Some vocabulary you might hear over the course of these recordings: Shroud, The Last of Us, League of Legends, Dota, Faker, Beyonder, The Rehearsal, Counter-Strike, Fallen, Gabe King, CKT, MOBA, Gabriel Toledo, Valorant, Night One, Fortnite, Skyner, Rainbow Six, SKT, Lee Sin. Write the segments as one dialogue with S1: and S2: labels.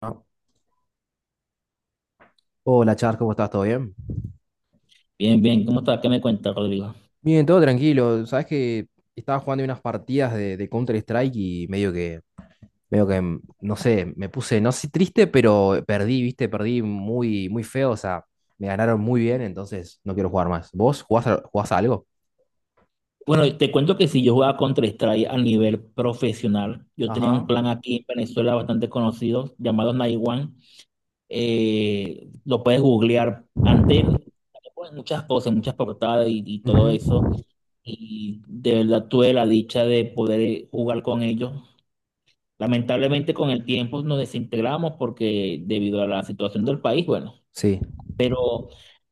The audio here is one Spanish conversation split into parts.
S1: ¿No? Hola, Charles, ¿cómo estás? ¿Todo bien?
S2: Bien, bien, ¿cómo está? ¿Qué me cuenta, Rodrigo?
S1: Bien, todo tranquilo. Sabes que estaba jugando unas partidas de Counter-Strike y no sé, me puse, no sé, triste, pero perdí, viste, perdí muy, muy feo. O sea, me ganaron muy bien, entonces no quiero jugar más. ¿Vos jugás a algo?
S2: Bueno, te cuento que si yo jugaba Counter-Strike a nivel profesional, yo tenía un
S1: Ajá.
S2: clan aquí en Venezuela bastante conocido llamado Night One. Lo puedes googlear. Antes ponen muchas cosas, muchas portadas y todo eso.
S1: Ujú.
S2: Y de verdad tuve la dicha de poder jugar con ellos. Lamentablemente con el tiempo nos desintegramos porque debido a la situación del país, bueno.
S1: Sí.
S2: Pero,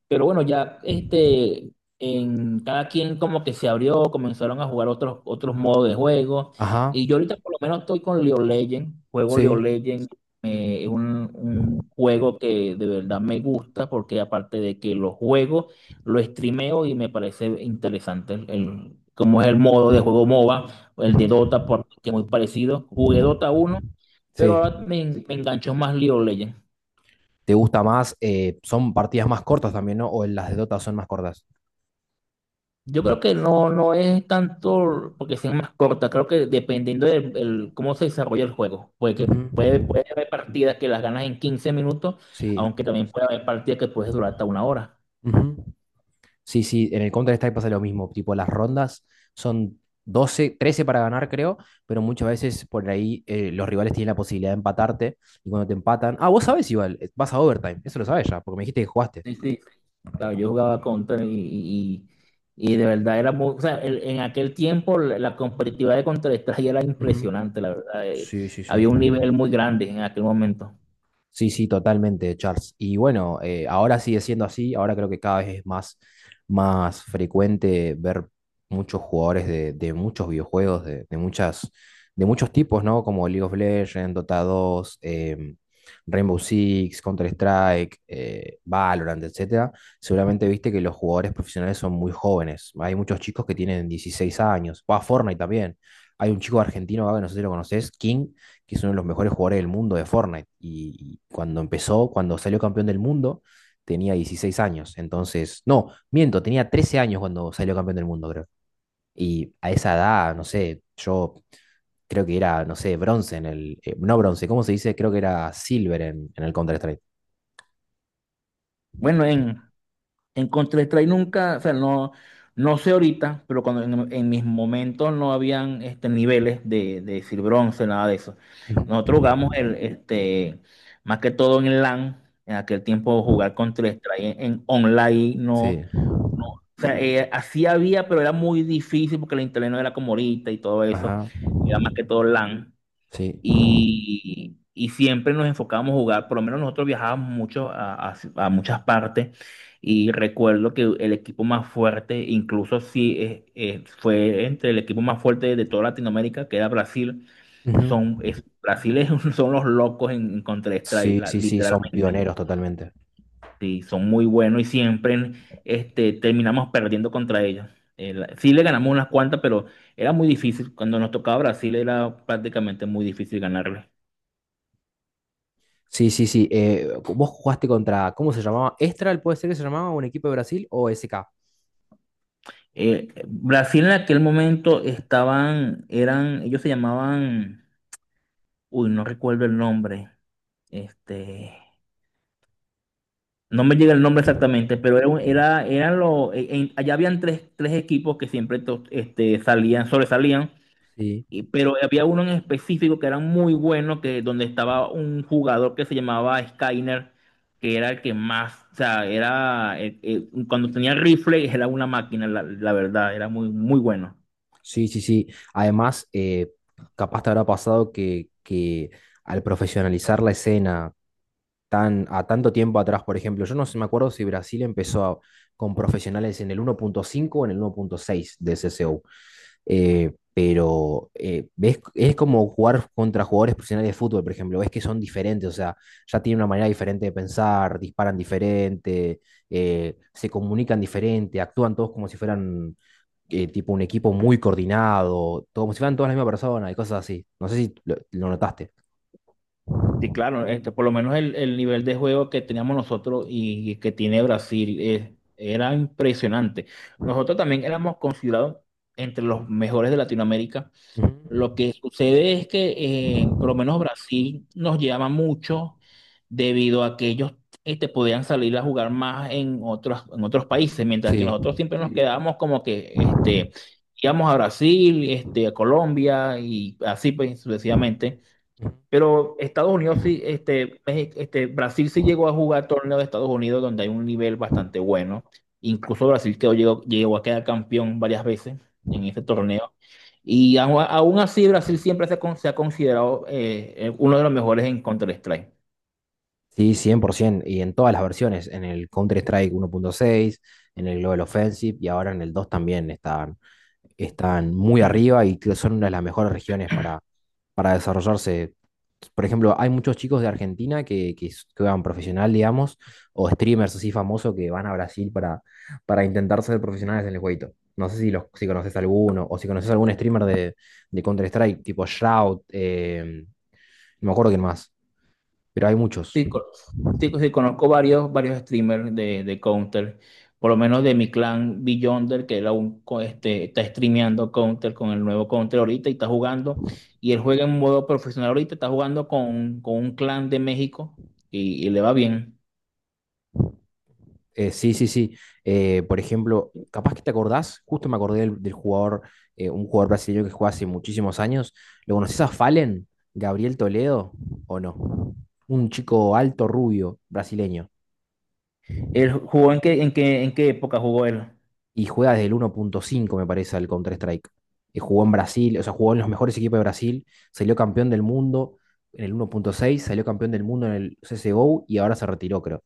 S2: pero bueno, ya, en cada quien como que se abrió, comenzaron a jugar otros modos de juego.
S1: Ajá.
S2: Y yo ahorita por lo menos estoy con League of Legends, juego League of
S1: Sí.
S2: Legends, es un juego que de verdad me gusta porque aparte de que lo juego, lo streameo y me parece interesante como es el modo de juego MOBA, o el de
S1: Ujú.
S2: Dota, porque es muy parecido. Jugué Dota uno pero
S1: Sí.
S2: ahora me enganchó más League of Legends.
S1: ¿Te gusta más? Son partidas más cortas también, ¿no? ¿O las de Dota son más cortas?
S2: Yo creo que no, no es tanto porque sea más corta, creo que dependiendo cómo se desarrolla el juego, porque puede,
S1: Ujú.
S2: puede haber partidas que las ganas en 15 minutos,
S1: Sí.
S2: aunque también puede haber partidas que puedes durar hasta 1 hora.
S1: Ujú. Sí, sí, en el Counter-Strike pasa lo mismo, tipo las rondas son 12 13 para ganar creo, pero muchas veces por ahí los rivales tienen la posibilidad de empatarte y cuando te empatan, ah, vos sabés igual, vas a overtime, eso lo sabes ya, porque me dijiste que jugaste.
S2: Sí, sí. Claro, yo jugaba Counter y de verdad era muy, o sea, en aquel tiempo la competitividad de Counter-Strike era
S1: Ujú.
S2: impresionante, la verdad.
S1: Sí, sí, sí.
S2: Había un nivel muy grande en aquel momento.
S1: Sí, sí, totalmente, Charles. Y bueno, ahora sigue siendo así, ahora creo que cada vez es más, más frecuente ver muchos jugadores de muchos videojuegos, de muchos tipos, ¿no? Como League of Legends, Dota dos, Rainbow Six, Counter-Strike, Valorant, etcétera. Seguramente viste que los jugadores profesionales son muy jóvenes. Hay muchos chicos que tienen 16 años. Va Fortnite también. Hay un chico argentino, Gabe, no sé si lo conoces, King, que es uno de los mejores jugadores del mundo de Fortnite. Y cuando empezó, cuando salió campeón del mundo, tenía 16 años. Entonces, no, miento, tenía 13 años cuando salió campeón del mundo, creo. Y a esa edad, no sé, yo creo que era, no sé, bronce en el. No bronce, ¿cómo se dice? Creo que era silver en el Counter-Strike.
S2: Bueno, en, En Counter-Strike nunca, o sea, no, no sé ahorita, pero cuando en mis momentos no habían niveles de decir bronce, nada de eso. Nosotros jugamos
S1: Ujú.
S2: el, más que todo en LAN, en aquel tiempo jugar Counter-Strike en online, no,
S1: Sí.
S2: no, o sea, así había, pero era muy difícil porque el internet no era como ahorita y todo eso,
S1: Ajá.
S2: era más que todo LAN
S1: Sí.
S2: y siempre nos enfocábamos a jugar, por lo menos nosotros viajábamos mucho a muchas partes y recuerdo que el equipo más fuerte, incluso sí, fue entre el equipo más fuerte de toda Latinoamérica, que era Brasil,
S1: Ujú.
S2: Brasil es son los locos en Counter-Strike,
S1: Sí, sí, sí, son
S2: literalmente,
S1: pioneros totalmente.
S2: sí, son muy buenos y siempre terminamos perdiendo contra ellos. Sí le ganamos unas cuantas, pero era muy difícil. Cuando nos tocaba Brasil era prácticamente muy difícil ganarle.
S1: Sí, sí, sí. Vos jugaste contra, ¿cómo se llamaba? ¿Estral puede ser que se llamaba un equipo de Brasil o SK?
S2: Brasil en aquel momento estaban, eran, ellos se llamaban, uy, no recuerdo el nombre, este, no me llega el nombre exactamente, pero eran los, allá habían tres equipos que siempre sobresalían,
S1: Sí,
S2: pero había uno en específico que era muy bueno, que donde estaba un jugador que se llamaba Skyner, que era el que más, o sea, era, cuando tenía rifle era una máquina, la verdad, era muy, muy bueno.
S1: sí, sí, sí. Además, capaz te habrá pasado que al profesionalizar la escena a tanto tiempo atrás, por ejemplo, yo no sé, me acuerdo si Brasil empezó a- con profesionales en el 1.5 o en el 1.6 de CSU. Es como jugar contra jugadores profesionales de fútbol, por ejemplo, ves que son diferentes, o sea, ya tienen una manera diferente de pensar, disparan diferente, se comunican diferente, actúan todos como si fueran tipo un equipo muy coordinado, todo- como si fueran todas la misma persona y cosas así. No sé si lo notaste.
S2: Sí, claro, por lo menos el nivel de juego que teníamos nosotros y, que tiene Brasil era impresionante. Nosotros también éramos considerados entre los mejores de Latinoamérica.
S1: Ujú.
S2: Lo que sucede es que por lo menos Brasil nos llama mucho debido a que ellos podían salir a jugar más en otros países, mientras que
S1: Sí.
S2: nosotros siempre nos, sí, quedábamos como que, íbamos a Brasil, este, a Colombia y así pues, sucesivamente. Pero Estados Unidos sí, Brasil sí llegó a jugar torneo de Estados Unidos donde hay un nivel bastante bueno. Incluso Brasil llegó a quedar campeón varias veces en ese torneo. Y aún así Brasil siempre se ha considerado uno de los mejores en Counter-Strike.
S1: Sí, 100%, y en todas las versiones, en el Counter-Strike uno punto seis en el Global Offensive y ahora en el 2 también están, están muy arriba y que son una de las mejores regiones para desarrollarse. Por ejemplo, hay muchos chicos de Argentina que juegan profesional, digamos, o streamers así famosos que van a Brasil para intentar ser profesionales en el jueguito. No sé si conoces alguno o si conoces algún streamer de Counter-Strike, tipo Shroud, no me acuerdo quién más, pero hay muchos.
S2: Sí, sí, sí, conozco varios streamers de Counter, por lo menos de mi clan Beyonder, que él aún está streameando Counter con el nuevo Counter ahorita y está jugando, y él juega en modo profesional ahorita, está jugando con un clan de México y le va bien.
S1: Sí, sí, sí. Por ejemplo, capaz que te acordás, justo me acordé del jugador, un jugador brasileño que juega hace muchísimos años. ¿Lo conoces a Fallen? ¿Gabriel Toledo? ¿O no? Un chico alto, rubio, brasileño.
S2: ¿Él jugó en qué época jugó él?
S1: Y juega desde el uno punto cinco, me parece, al Counter-Strike. Jugó en Brasil, o sea, jugó en los mejores equipos de Brasil, salió campeón del mundo en el uno punto seis. Salió campeón del mundo en el CSGO y ahora se retiró, creo.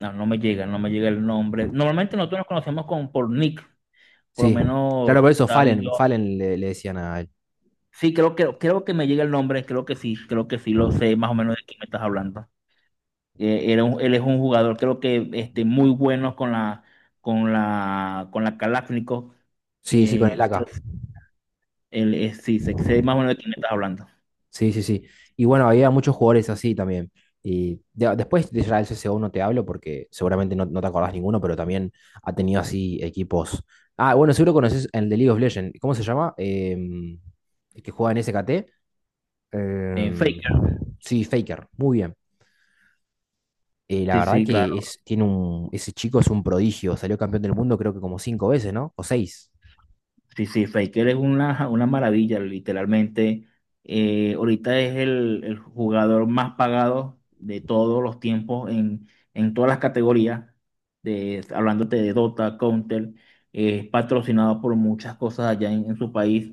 S2: No, no me llega el nombre. Normalmente nosotros nos conocemos por Nick, por lo
S1: Sí,
S2: menos
S1: claro, por eso
S2: está
S1: Fallen,
S2: Beyonder.
S1: Fallen le decían a él.
S2: Sí, creo que me llega el nombre, creo que sí lo sé más o menos de quién me estás hablando. Él es un jugador, creo que muy bueno con la, con la Kalashnikov.
S1: Sí, sí, con
S2: Eh,
S1: el
S2: creo-
S1: AK.
S2: sí, sé más o menos de quién me estás hablando.
S1: Sí, sí, sí. Y bueno, había muchos jugadores así también. Y ya, después de Israel C CSGO no te hablo porque seguramente no te acordás ninguno, pero también ha tenido así equipos. Ah, bueno, seguro conoces el de League of Legends. ¿Cómo se llama? Em, el que juega en S SKT. Em,
S2: Faker,
S1: sí, Faker. Muy bien. La
S2: sí,
S1: verdad
S2: sí, claro.
S1: que es, tiene un, ese chico es un prodigio. Salió campeón del mundo creo que como cinco veces, ¿no? O seis.
S2: Sí, sí, Faker es una maravilla, literalmente. Ahorita es el jugador más pagado de todos los tiempos en todas las categorías, de, hablándote de Dota, Counter, es patrocinado por muchas cosas allá en su país.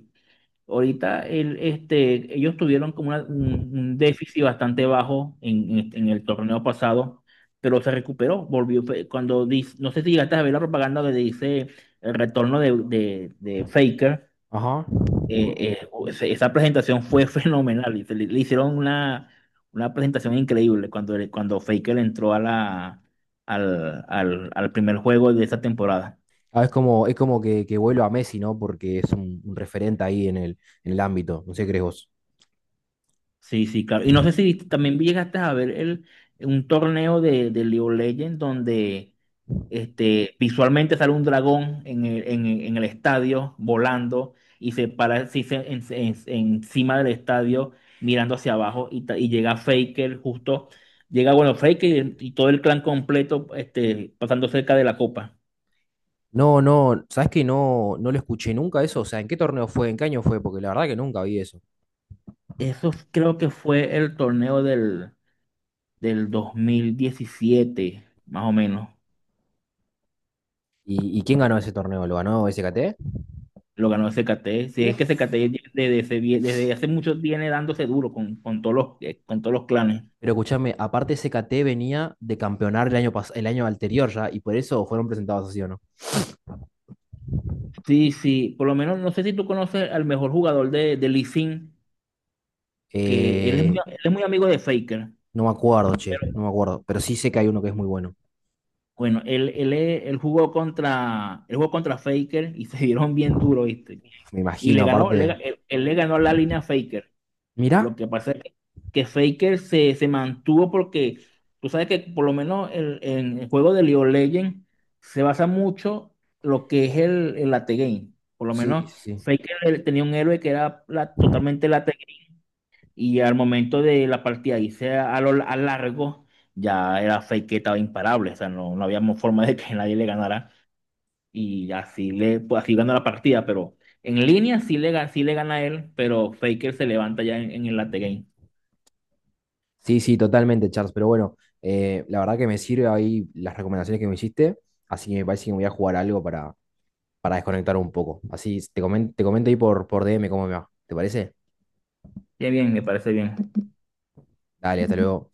S2: Ahorita ellos tuvieron como un déficit bastante bajo en el torneo pasado, pero se recuperó, volvió. Fue cuando dice, no sé si llegaste a ver la propaganda donde dice el retorno de Faker.
S1: Ajá.
S2: Esa presentación fue fenomenal. Y se le hicieron una presentación increíble cuando Faker entró a la, al, al al primer juego de esa temporada.
S1: Ah, es como que vuelo a Messi, ¿no? Porque es un referente ahí en el ámbito. No sé qué crees vos.
S2: Sí, sí, claro. Y no sé si también llegaste a ver el, un torneo de League of Legends donde visualmente sale un dragón en el estadio volando y se para sí, encima del estadio mirando hacia abajo y llega Faker justo, llega, bueno, Faker y todo el clan completo pasando cerca de la copa.
S1: No, no, ¿sabes que no, no lo escuché nunca eso? O sea, ¿en qué torneo fue? ¿En qué año fue? Porque la verdad que nunca vi eso.
S2: Creo que fue el torneo del 2017 más o menos.
S1: Y quién ganó ese torneo? ¿Lo ganó SKT?
S2: Lo ganó el CKT. Sí, es que
S1: Uf.
S2: CKT desde hace mucho viene dándose duro con todos los clanes.
S1: Pero escúchame, aparte SKT venía de campeonar el año, pas- el año anterior ya, y por eso fueron presentados así, ¿o no?
S2: Sí, sí, por lo menos no sé si tú conoces al mejor jugador de Lee Sin, que
S1: Eh,
S2: él es muy amigo de Faker.
S1: no me acuerdo, che, no
S2: Pero
S1: me acuerdo. Pero sí sé que hay uno que es muy bueno.
S2: bueno, él jugó contra Faker y se dieron bien duro, ¿viste?
S1: Me
S2: Y
S1: imagino,
S2: le ganó, le
S1: aparte.
S2: él, él le ganó la línea a Faker. Lo
S1: Mirá.
S2: que pasa es que Faker se mantuvo porque tú sabes que por lo menos en el juego de League of Legends se basa mucho lo que es el late game. Por lo
S1: Sí, sí.
S2: menos
S1: Sí.
S2: Faker él tenía un héroe que era totalmente late game y al momento de la partida irse a largo ya era Faker estaba imparable. O sea, no, no había forma de que nadie le ganara y así, le, pues, así ganó la partida, pero... En línea sí sí le gana él, pero Faker se levanta ya en el late game.
S1: Sí, sí, totalmente, Charles. Pero bueno, la verdad que me sirve ahí las recomendaciones que me hiciste. Así que me parece que me voy a jugar algo para desconectar un poco. Así te comen- te comento ahí por DM cómo me va. ¿Te parece?
S2: Bien, bien, me parece bien.
S1: Dale, hasta luego.